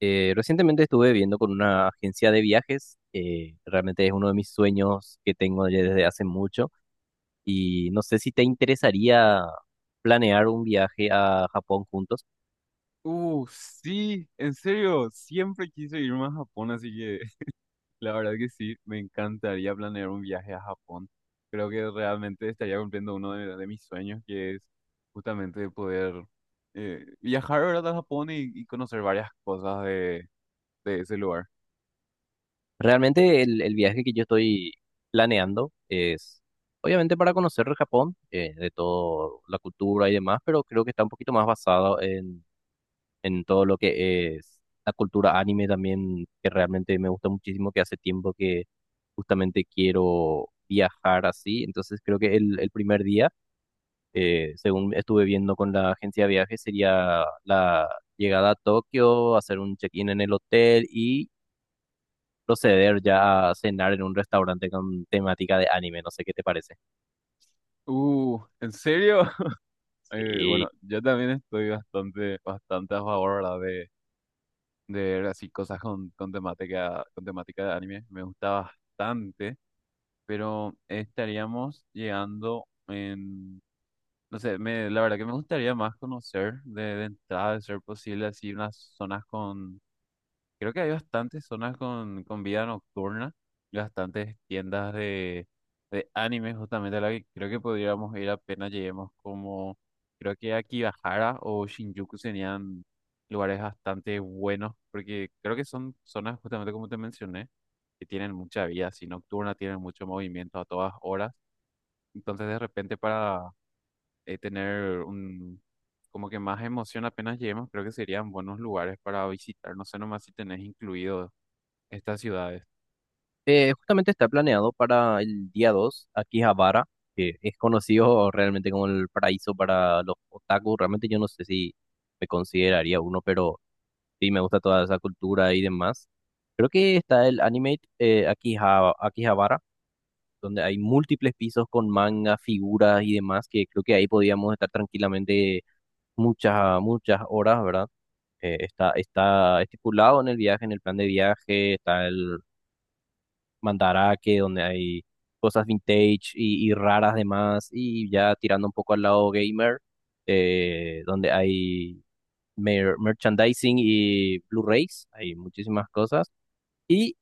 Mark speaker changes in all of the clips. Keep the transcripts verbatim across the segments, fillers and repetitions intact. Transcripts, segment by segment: Speaker 1: Eh, recientemente estuve viendo con una agencia de viajes, eh, realmente es uno de mis sueños que tengo ya desde hace mucho y no sé si te interesaría planear un viaje a Japón juntos.
Speaker 2: Uh, sí, en serio, siempre quise irme a Japón, así que la verdad que sí, me encantaría planear un viaje a Japón. Creo que realmente estaría cumpliendo uno de, de mis sueños, que es justamente poder eh, viajar, ¿verdad? A Japón y, y conocer varias cosas de, de ese lugar.
Speaker 1: Realmente el, el viaje que yo estoy planeando es obviamente para conocer Japón, eh, de toda la cultura y demás, pero creo que está un poquito más basado en en todo lo que es la cultura anime también, que realmente me gusta muchísimo, que hace tiempo que justamente quiero viajar así. Entonces creo que el, el primer día, eh, según estuve viendo con la agencia de viajes, sería la llegada a Tokio, hacer un check-in en el hotel y proceder ya a cenar en un restaurante con temática de anime. No sé qué te parece.
Speaker 2: Uh, ¿en serio? Eh, bueno,
Speaker 1: Sí.
Speaker 2: yo también estoy bastante, bastante a favor, ¿verdad? De, de ver así cosas con, con temática, con temática de anime. Me gusta bastante. Pero estaríamos llegando en, no sé, me, la verdad que me gustaría más conocer de, de entrada, de ser posible, así unas zonas con... Creo que hay bastantes zonas con, con vida nocturna, y bastantes tiendas de, de anime justamente a la que creo que podríamos ir apenas lleguemos, como, creo que Akibahara o Shinjuku serían lugares bastante buenos, porque creo que son zonas justamente, como te mencioné, que tienen mucha vida así nocturna, tienen mucho movimiento a todas horas, entonces de repente para eh, tener un... como que más emoción apenas lleguemos, creo que serían buenos lugares para visitar. No sé nomás si tenés incluido estas ciudades.
Speaker 1: Eh, justamente está planeado para el día dos, Akihabara, que es conocido realmente como el paraíso para los otaku. Realmente yo no sé si me consideraría uno, pero sí me gusta toda esa cultura y demás. Creo que está el anime eh, Akiha- Akihabara, donde hay múltiples pisos con manga, figuras y demás, que creo que ahí podíamos estar tranquilamente muchas, muchas horas, ¿verdad? Eh, está, está estipulado en el viaje, en el plan de viaje, está el Mandarake, donde hay cosas vintage y, y raras demás, y ya tirando un poco al lado gamer, eh, donde hay mer- merchandising y Blu-rays, hay muchísimas cosas. Y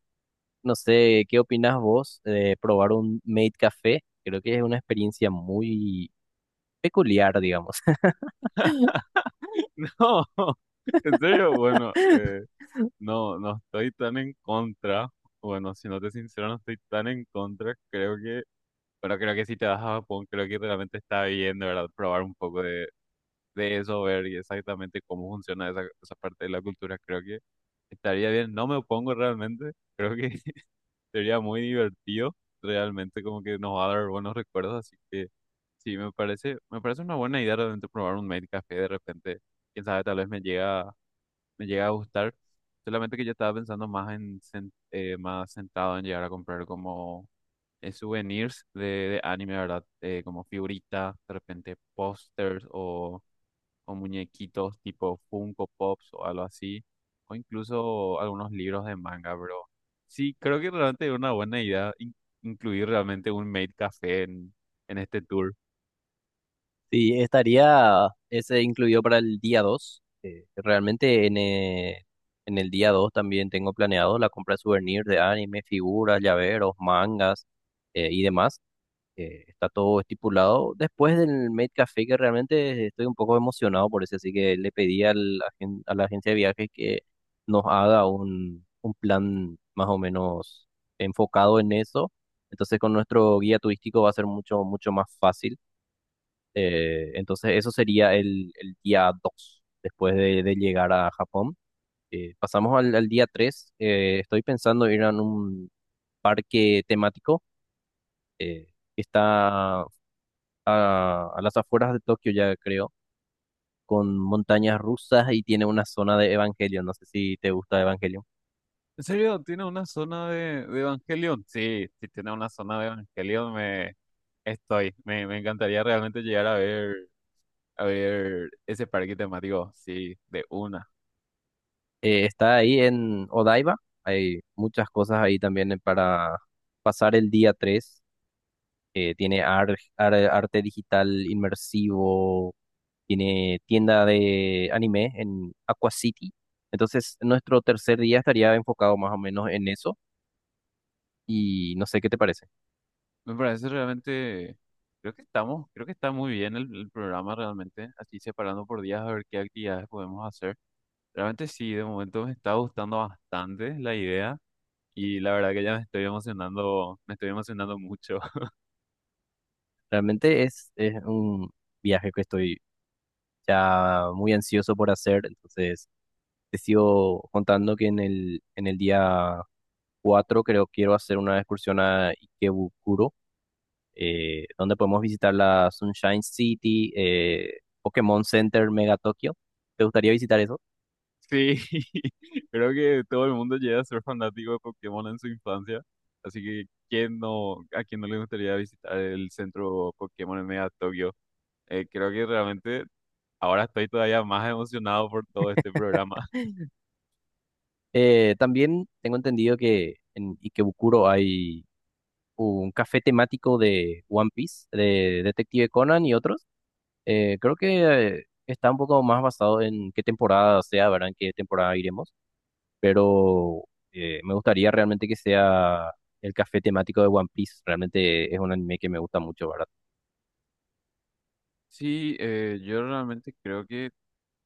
Speaker 1: no sé, ¿qué opinas vos de probar un Made Café? Creo que es una experiencia muy peculiar, digamos.
Speaker 2: No, en serio, bueno, eh, no, no estoy tan en contra. Bueno, si no te sincero, no estoy tan en contra. Creo que, pero creo que si te vas a Japón, creo que realmente está bien, de verdad, probar un poco de, de eso, ver y exactamente cómo funciona esa, esa parte de la cultura. Creo que estaría bien. No me opongo realmente. Creo que sería muy divertido, realmente como que nos va a dar buenos recuerdos, así que sí, me parece, me parece una buena idea realmente probar un Made Café de repente, quién sabe, tal vez me llega, me llega a gustar, solamente que yo estaba pensando más en, sen- eh, más sentado en llegar a comprar como eh, souvenirs de, de anime, ¿verdad? Eh, como figuritas, de repente pósters o o muñequitos tipo Funko Pops o algo así, o incluso algunos libros de manga, bro. Sí, creo que realmente es una buena idea in- incluir realmente un maid café en, en este tour.
Speaker 1: Sí, estaría ese incluido para el día dos. Eh, realmente en, eh, en el día dos también tengo planeado la compra de souvenirs de anime, figuras, llaveros, mangas eh, y demás. Eh, está todo estipulado. Después del Maid Café, que realmente estoy un poco emocionado por eso, así que le pedí al agen- a la agencia de viajes que nos haga un, un plan más o menos enfocado en eso. Entonces con nuestro guía turístico va a ser mucho, mucho más fácil. Eh, entonces eso sería el, el día dos después de, de llegar a Japón. Eh, pasamos al, al día tres. Eh, estoy pensando ir a un parque temático eh, que está a, a las afueras de Tokio, ya creo, con montañas rusas y tiene una zona de Evangelion. No sé si te gusta Evangelion.
Speaker 2: ¿En serio? ¿Tiene una zona de, de Evangelion? Sí, si tiene una zona de Evangelion, me estoy. Me, me encantaría realmente llegar a ver, a ver ese parque temático. Sí, de una.
Speaker 1: Eh, está ahí en Odaiba. Hay muchas cosas ahí también eh, para pasar el día tres. Eh, tiene ar- ar- arte digital inmersivo, tiene tienda de anime en Aqua City. Entonces, nuestro tercer día estaría enfocado más o menos en eso y no sé qué te parece.
Speaker 2: Me parece realmente, creo que estamos, creo que está muy bien el, el programa realmente, así separando por días a ver qué actividades podemos hacer. Realmente sí, de momento me está gustando bastante la idea y la verdad que ya me estoy emocionando, me estoy emocionando mucho.
Speaker 1: Realmente es, es un viaje que estoy ya muy ansioso por hacer, entonces te sigo contando que en el, en el día cuatro creo quiero hacer una excursión a Ikebukuro, eh, donde podemos visitar la Sunshine City, eh, Pokémon Center Mega Tokyo. ¿Te gustaría visitar eso?
Speaker 2: Sí, creo que todo el mundo llega a ser fanático de Pokémon en su infancia, así que ¿quién no, a quién no le gustaría visitar el centro Pokémon en Mega Tokio? Eh, creo que realmente ahora estoy todavía más emocionado por todo este programa.
Speaker 1: Eh, también tengo entendido que en Ikebukuro hay un café temático de One Piece, de Detective Conan y otros. Eh, creo que eh, está un poco más basado en qué temporada sea, ¿verdad? En qué temporada iremos. Pero eh, me gustaría realmente que sea el café temático de One Piece. Realmente es un anime que me gusta mucho, ¿verdad?
Speaker 2: Sí, eh, yo realmente creo que,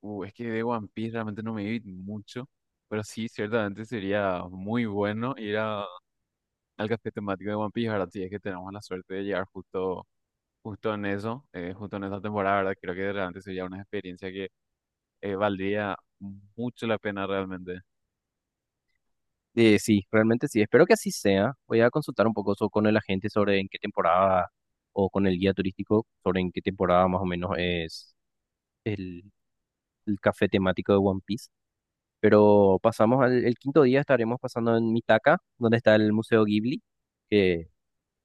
Speaker 2: uh, es que de One Piece realmente no me vi mucho, pero sí, ciertamente sería muy bueno ir a- al café temático de One Piece, ¿verdad? Si es que tenemos la suerte de llegar justo, justo en eso, eh, justo en esa temporada, ¿verdad? Creo que realmente sería una experiencia que eh, valdría mucho la pena realmente.
Speaker 1: Eh, sí, realmente sí. Espero que así sea. Voy a consultar un poco so- con el agente sobre en qué temporada o con el guía turístico sobre en qué temporada más o menos es el, el café temático de One Piece. Pero pasamos al el quinto día, estaremos pasando en Mitaka, donde está el Museo Ghibli, que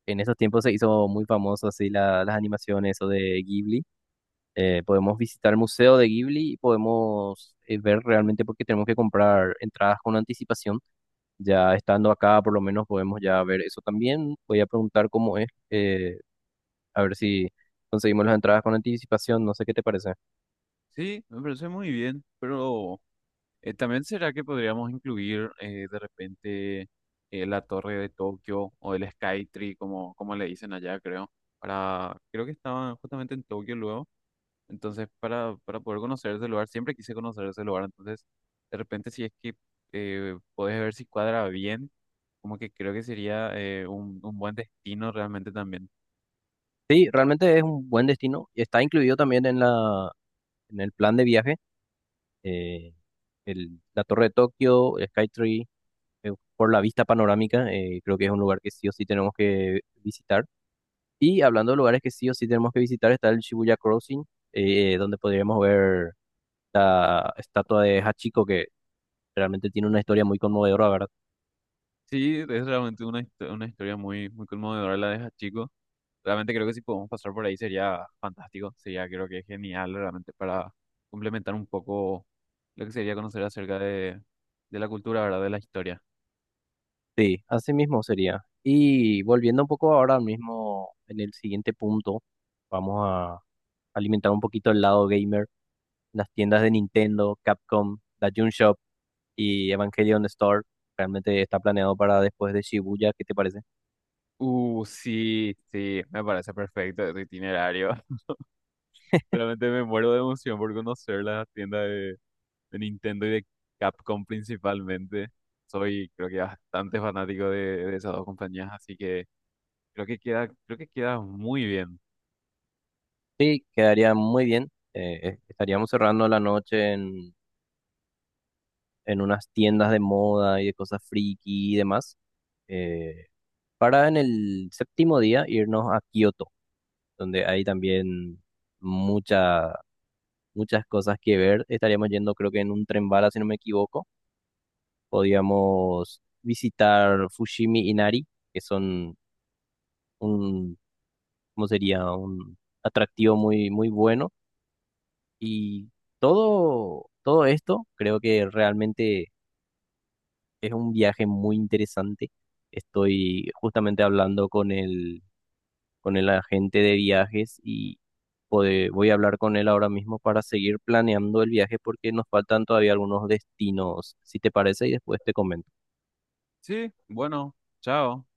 Speaker 1: en esos tiempos se hizo muy famoso así la- las animaciones o de Ghibli. Eh, podemos visitar el Museo de Ghibli y podemos eh, ver realmente porque tenemos que comprar entradas con anticipación. Ya estando acá, por lo menos podemos ya ver eso también. Voy a preguntar cómo es, eh, a ver si conseguimos las entradas con anticipación. No sé qué te parece.
Speaker 2: Sí, me parece muy bien, pero Eh, también será que podríamos incluir eh, de repente eh, la Torre de Tokio o el Skytree, como, como le dicen allá, creo. Para, creo que estaban justamente en Tokio luego. Entonces, para, para poder conocer ese lugar, siempre quise conocer ese lugar. Entonces, de repente, si es que eh, podés ver si cuadra bien, como que creo que sería eh, un, un buen destino realmente también.
Speaker 1: Sí, realmente es un buen destino y está incluido también en la, en el plan de viaje, eh, el- la Torre de Tokio, el Skytree, eh, por la vista panorámica, eh, creo que es un lugar que sí o sí tenemos que visitar. Y hablando de lugares que sí o sí tenemos que visitar, está el Shibuya Crossing, eh, donde podríamos ver la estatua de Hachiko, que realmente tiene una historia muy conmovedora, ¿verdad?
Speaker 2: Sí, es realmente una, histo- una historia muy, muy conmovedora la de Hachiko. Realmente creo que si podemos pasar por ahí sería fantástico, sería creo que genial realmente para complementar un poco lo que sería conocer acerca de, de la cultura, ¿verdad? De la historia.
Speaker 1: Sí, así mismo sería. Y volviendo un poco ahora mismo en el siguiente punto, vamos a alimentar un poquito el lado gamer. Las tiendas de Nintendo, Capcom, la Jun Shop y Evangelion Store realmente está planeado para después de Shibuya. ¿Qué te parece?
Speaker 2: Uh, sí, sí, me parece perfecto este itinerario. Realmente me muero de emoción por conocer la tienda de, de Nintendo y de Capcom principalmente. Soy creo que bastante fanático de, de esas dos compañías, así que creo que queda, creo que queda muy bien.
Speaker 1: Sí, quedaría muy bien. Eh, eh, estaríamos cerrando la noche en, en unas tiendas de moda y de cosas friki y demás, eh, para en el séptimo día irnos a Kioto, donde hay también mucha, muchas cosas que ver. Estaríamos yendo, creo que en un tren bala, si no me equivoco. Podíamos visitar Fushimi Inari, que son un, ¿cómo sería? Un atractivo muy, muy bueno. Y todo, todo esto creo que realmente es un viaje muy interesante. Estoy justamente hablando con el, con el agente de viajes y pode- voy a hablar con él ahora mismo para seguir planeando el viaje porque nos faltan todavía algunos destinos, si te parece, y después te comento.
Speaker 2: Sí, bueno, chao.